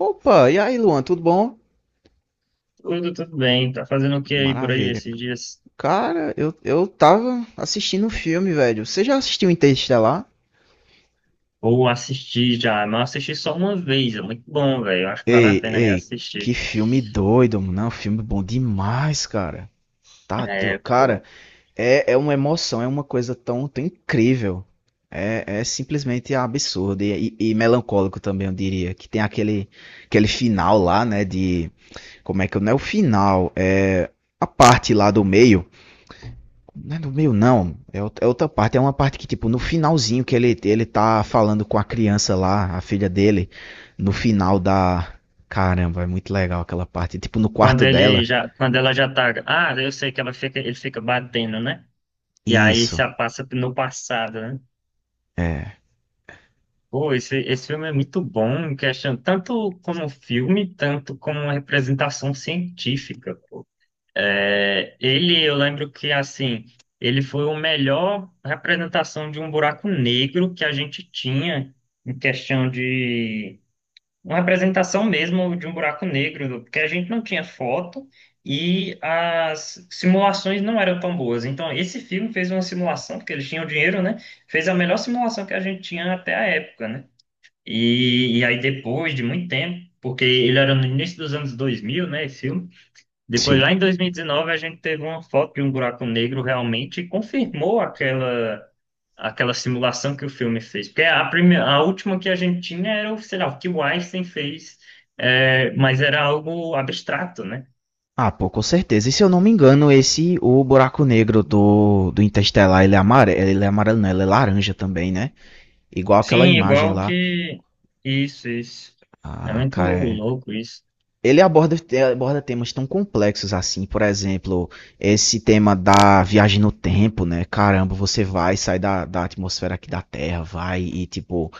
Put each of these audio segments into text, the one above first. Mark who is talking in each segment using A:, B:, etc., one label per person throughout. A: Opa, e aí, Luan, tudo bom?
B: Tudo, bem. Tá fazendo o que aí por aí
A: Maravilha.
B: esses dias?
A: Cara, eu tava assistindo um filme, velho. Você já assistiu Interestelar?
B: Ou assisti já, mas eu assisti só uma vez, é muito bom, velho. Eu acho que vale a
A: Ei,
B: pena
A: ei, que
B: reassistir.
A: filme doido, mano. Não, filme bom demais, cara. Tá do...
B: É,
A: Cara,
B: pô.
A: é uma emoção, é uma coisa tão, tão incrível. É simplesmente absurdo e melancólico também, eu diria. Que tem aquele final lá, né? De. Como é que eu. Não é o final, é a parte lá do meio. Não é no meio, não. É outra parte. É uma parte que, tipo, no finalzinho que ele tá falando com a criança lá, a filha dele, no final da. Caramba, é muito legal aquela parte. Tipo, no
B: Quando
A: quarto
B: ele
A: dela.
B: já, quando ela já tá. Ah, eu sei que ela fica, ele fica batendo, né? E aí
A: Isso.
B: se passa no passado, né?
A: É.
B: Pô, esse filme é muito bom, em questão, tanto como filme, tanto como uma representação científica. É, ele, eu lembro que, assim, ele foi o melhor representação de um buraco negro que a gente tinha em questão de... Uma representação mesmo de um buraco negro, porque a gente não tinha foto e as simulações não eram tão boas. Então, esse filme fez uma simulação, porque eles tinham dinheiro, né? Fez a melhor simulação que a gente tinha até a época, né? E aí, depois de muito tempo, porque ele era no início dos anos 2000, né, esse filme, depois,
A: Sim.
B: lá em 2019, a gente teve uma foto de um buraco negro realmente e confirmou aquela, aquela simulação que o filme fez. Porque a, prime- a última que a gente tinha era, o, sei lá, o que o Einstein fez, é, mas era algo abstrato, né?
A: Ah, pô, com certeza. E se eu não me engano, o buraco negro do Interstellar, ele é amarelo. Ele é amarelo, não, ele é laranja também, né? Igual aquela
B: Sim,
A: imagem
B: igual
A: lá.
B: que... Isso, isso. É
A: Ah,
B: muito
A: cara, é.
B: louco isso.
A: Ele aborda temas tão complexos assim, por exemplo, esse tema da viagem no tempo, né? Caramba, você vai, sai da atmosfera aqui da Terra, vai e, tipo,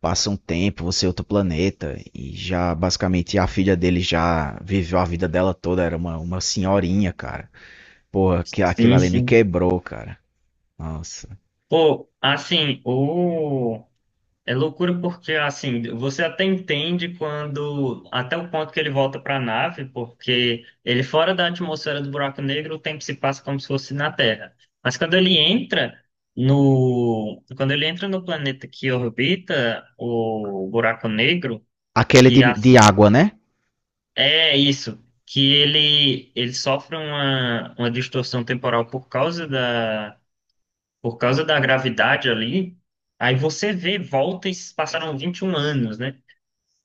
A: passa um tempo, você é outro planeta. E já, basicamente, a filha dele já viveu a vida dela toda, era uma senhorinha, cara. Porra, que, aquilo
B: Sim,
A: ali me
B: sim.
A: quebrou, cara. Nossa.
B: Pô, assim, o... É loucura porque, assim, você até entende quando, até o ponto que ele volta para a nave, porque ele fora da atmosfera do buraco negro, o tempo se passa como se fosse na Terra. Mas quando ele entra no, quando ele entra no planeta que orbita o buraco negro,
A: Aquele de,
B: que
A: de
B: assim,
A: água, né?
B: é isso, que ele sofre uma distorção temporal por causa da gravidade ali, aí você vê, volta e se passaram 21 anos, né?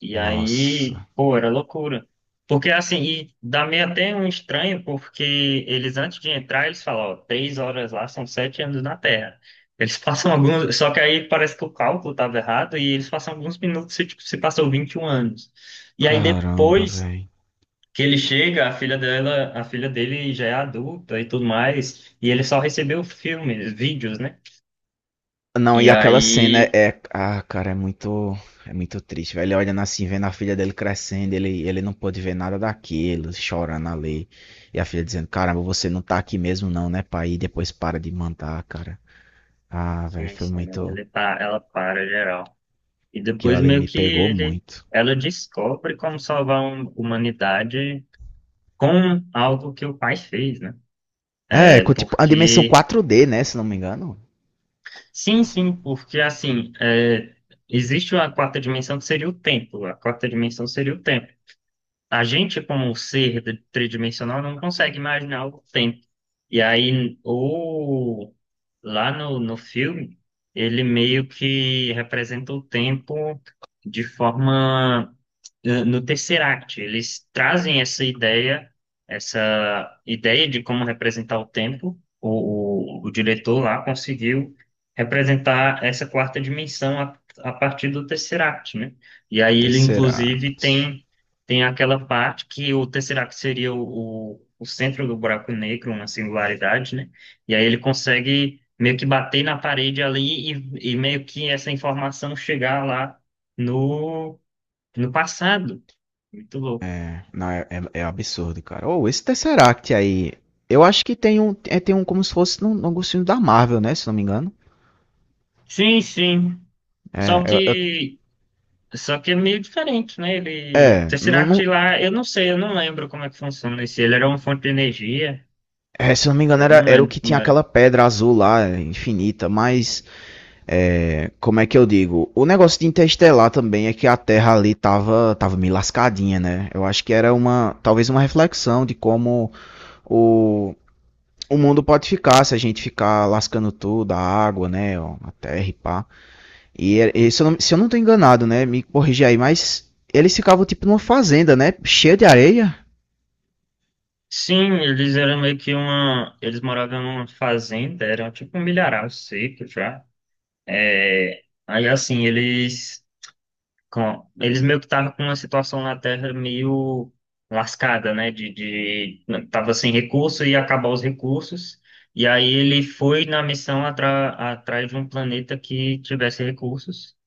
B: E aí,
A: Nossa.
B: pô, era loucura. Porque assim, e dá meio até um estranho, porque eles antes de entrar, eles falam, ó, 3 horas lá são 7 anos na Terra. Eles passam alguns. Só que aí parece que o cálculo estava errado e eles passam alguns minutos se, tipo, se passou 21 anos. E aí
A: Caramba,
B: depois
A: velho.
B: que ele chega, a filha dela, a filha dele já é adulta e tudo mais, e ele só recebeu filmes, vídeos, né?
A: Não,
B: E
A: e aquela cena é.
B: aí,
A: Ah, cara, é muito. É muito triste, velho. Ele olhando assim, vendo a filha dele crescendo, ele não pôde ver nada daquilo, chorando ali. E a filha dizendo: Caramba, você não tá aqui mesmo, não, né, pai? E depois para de mandar, cara. Ah, velho,
B: sim,
A: foi
B: sim,
A: muito.
B: ele tá, ela para geral. E
A: Aquilo
B: depois
A: ali
B: meio
A: me
B: que
A: pegou
B: ele,
A: muito.
B: ela descobre como salvar a humanidade com algo que o pai fez, né?
A: É,
B: É
A: com, tipo, a dimensão
B: porque,
A: 4D, né, se não me engano.
B: sim, sim, porque assim, é, existe uma quarta dimensão que seria o tempo. A quarta dimensão seria o tempo. A gente, como um ser de- tridimensional, não consegue imaginar o tempo. E aí, ou lá no, no filme, ele meio que representa o tempo de forma no Tesseract. Eles trazem essa ideia de como representar o tempo. O diretor lá conseguiu representar essa quarta dimensão a partir do Tesseract, né? E aí ele,
A: Tesseract.
B: inclusive, tem, tem aquela parte que o Tesseract seria o, o centro do buraco negro, uma singularidade, né? E aí ele consegue meio que bater na parede ali e meio que essa informação chegar lá no, no passado. Muito louco.
A: É, não, é absurdo, cara. Ou esse Tesseract aí. Eu acho que tem um como se fosse num gostinho da Marvel, né, se não me engano.
B: Sim, sim.
A: É,
B: Só
A: eu, eu-
B: que, só que é meio diferente, né? Ele,
A: é, não,
B: Tesseract
A: não-
B: lá, eu não sei, eu não lembro como é que funciona esse. Ele era uma fonte de energia,
A: Se eu não me engano,
B: eu
A: era,
B: não
A: era o
B: lembro
A: que
B: como
A: tinha
B: era.
A: aquela pedra azul lá, é, infinita, mas, é, como é que eu digo? O negócio de Interestelar também é que a Terra ali tava meio lascadinha, né? Eu acho que era uma, talvez uma reflexão de como o, o mundo pode ficar se a gente ficar lascando tudo, a água, né, ó, a terra e pá. E se eu não tô enganado, né, me corrigir aí, mas eles ficavam tipo numa fazenda, né, cheia de areia,
B: Sim, eles eram meio que uma, eles moravam numa fazenda, eram tipo um milharal seco já. É, aí assim, eles com- eles meio que estavam com uma situação na Terra meio lascada, né? De tava sem recurso e ia acabar os recursos. E aí ele foi na missão atra- atrás de um planeta que tivesse recursos.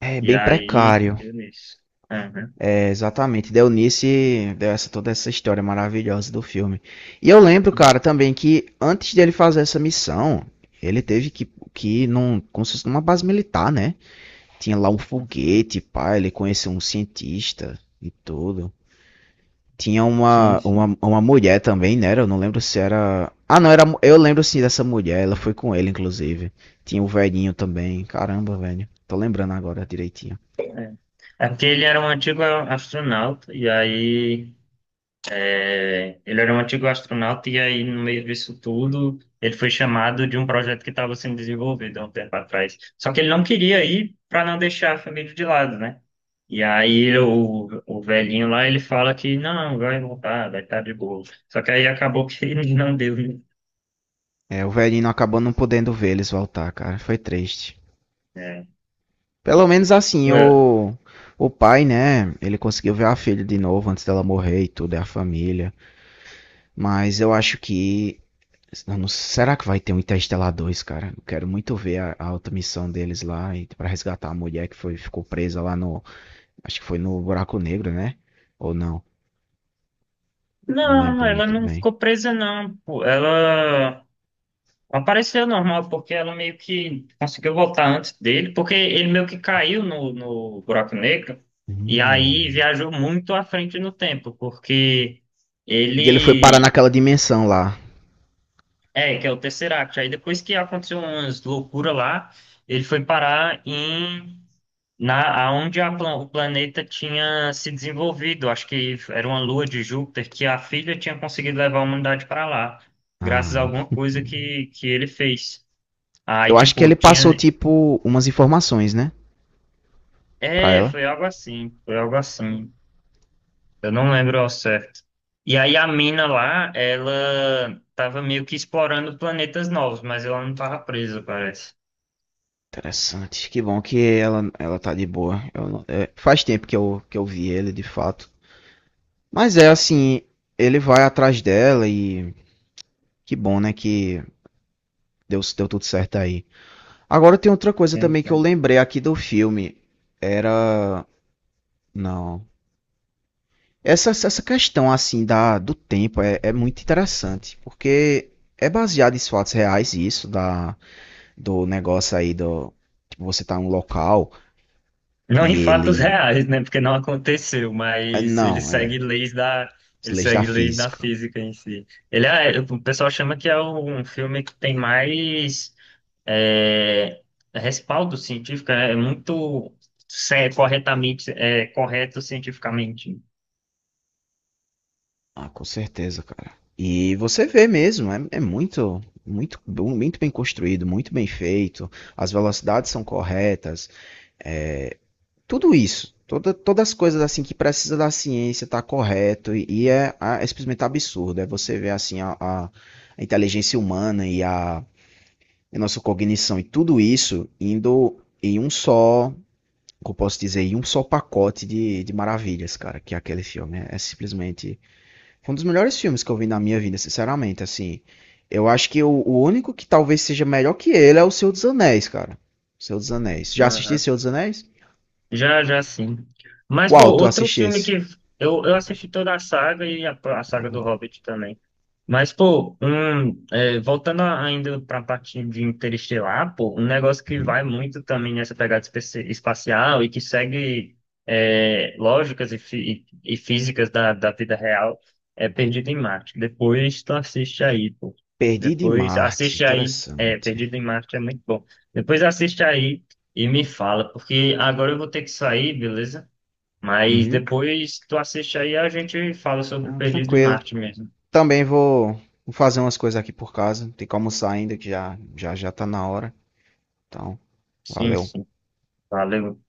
A: é
B: E
A: bem
B: aí
A: precário.
B: deu nisso. Aham.
A: Exatamente, Dionísio deu essa, toda essa história maravilhosa do filme. E eu lembro, cara, também que antes dele fazer essa missão, ele teve que ir num, como se fosse numa base militar, né? Tinha lá um foguete, pá, ele conheceu um cientista e tudo. Tinha
B: Sim,
A: uma,
B: sim.
A: uma, uma mulher também, né? Eu não lembro se era. Ah, não, era. Eu lembro sim dessa mulher, ela foi com ele, inclusive. Tinha o velhinho também, caramba, velho. Tô lembrando agora direitinho.
B: É porque ele era um antigo astronauta, e aí ele era um antigo astronauta e aí, no meio disso tudo, ele foi chamado de um projeto que estava sendo desenvolvido há um tempo atrás. Só que ele não queria ir para não deixar a família de lado, né? E aí o velhinho lá, ele fala que não, vai voltar, vai estar de boa. Só que aí acabou que ele não deu, né?
A: É, o velhinho acabou não podendo ver eles voltar, cara. Foi triste.
B: É.
A: Pelo menos assim,
B: Ué,
A: o pai, né? Ele conseguiu ver a filha de novo antes dela morrer e tudo, é a família. Mas eu acho que. Eu não- será que vai ter um Interstellar 2 cara? Eu quero muito ver a outra missão deles lá e, pra resgatar a mulher que foi, ficou presa lá no. Acho que foi no Buraco Negro, né? Ou não? Não
B: não,
A: lembro
B: ela
A: muito
B: não
A: bem.
B: ficou presa, não. Pô. Ela apareceu normal, porque ela meio que conseguiu voltar antes dele, porque ele meio que caiu no, no buraco negro, e aí
A: Hum.
B: viajou muito à frente no tempo, porque
A: E ele foi parar
B: ele.
A: naquela dimensão lá.
B: É, que é o Tesseract. Aí depois que aconteceu umas loucuras lá, ele foi parar em. Na, aonde a plan- o planeta tinha se desenvolvido, acho que era uma lua de Júpiter, que a filha tinha conseguido levar a humanidade para lá, graças a
A: Ah.
B: alguma coisa que ele fez. Aí,
A: Eu acho que
B: tipo,
A: ele
B: tinha.
A: passou, tipo, umas informações, né? Pra
B: É,
A: ela.
B: foi algo assim, foi algo assim. Eu não lembro ao certo. E aí a mina lá, ela tava meio que explorando planetas novos, mas ela não tava presa, parece.
A: Interessante. Que bom que ela tá de boa. Eu não- é, faz tempo que eu vi ele, de fato. Mas é assim, ele vai atrás dela e que bom, né, que deu tudo certo aí. Agora tem outra coisa
B: É,
A: também que eu
B: é.
A: lembrei aqui do filme. Era. Não. Essa questão, assim, do tempo é muito interessante, porque é baseado em fatos reais isso, da, do negócio aí do. Tipo, você tá em um local
B: Não em
A: e ele.
B: fatos reais, né? Porque não aconteceu,
A: É,
B: mas ele
A: Não,
B: segue
A: é.
B: leis da,
A: As
B: ele
A: leis da
B: segue leis da
A: física.
B: física em si. Ele é, o pessoal chama que é um filme que tem mais é, respaldo científico, né? É muito é, corretamente, é, correto cientificamente.
A: Ah, com certeza, cara. E você vê mesmo, é muito, muito, muito bem construído, muito bem feito. As velocidades são corretas. É, tudo isso, todas as coisas assim que precisa da ciência tá correto e é simplesmente absurdo. É você ver assim a inteligência humana e a nossa cognição e tudo isso indo em um só, como eu posso dizer, em um só pacote de maravilhas, cara. Que é aquele filme é simplesmente. Foi um dos melhores filmes que eu vi na minha vida, sinceramente, assim. Eu acho que o único que talvez seja melhor que ele é o Senhor dos Anéis, cara. Senhor dos Anéis. Já assisti
B: Aham.
A: Senhor dos Anéis?
B: Já, já sim. Mas, pô,
A: Qual tu
B: outro filme
A: assistisse?
B: que eu assisti toda a saga e a saga do Hobbit também. Mas, pô, um, é, voltando a- ainda para a parte de Interestelar, pô, um negócio que
A: Uhum.
B: vai muito também nessa pegada espe- espacial e que segue é, lógicas e, fi- e físicas da, da vida real é Perdido em Marte. Depois tu assiste aí, pô.
A: Perdido em
B: Depois
A: Marte,
B: assiste aí, é,
A: interessante.
B: Perdido em Marte é muito bom. Depois assiste aí e me fala, porque agora eu vou ter que sair, beleza? Mas
A: Uhum.
B: depois tu assiste aí e a gente fala sobre
A: Ah,
B: Perdido em
A: tranquilo.
B: Marte mesmo.
A: Também vou fazer umas coisas aqui por casa. Tem que almoçar ainda, que já já, já tá na hora. Então,
B: Sim,
A: valeu.
B: sim. Valeu.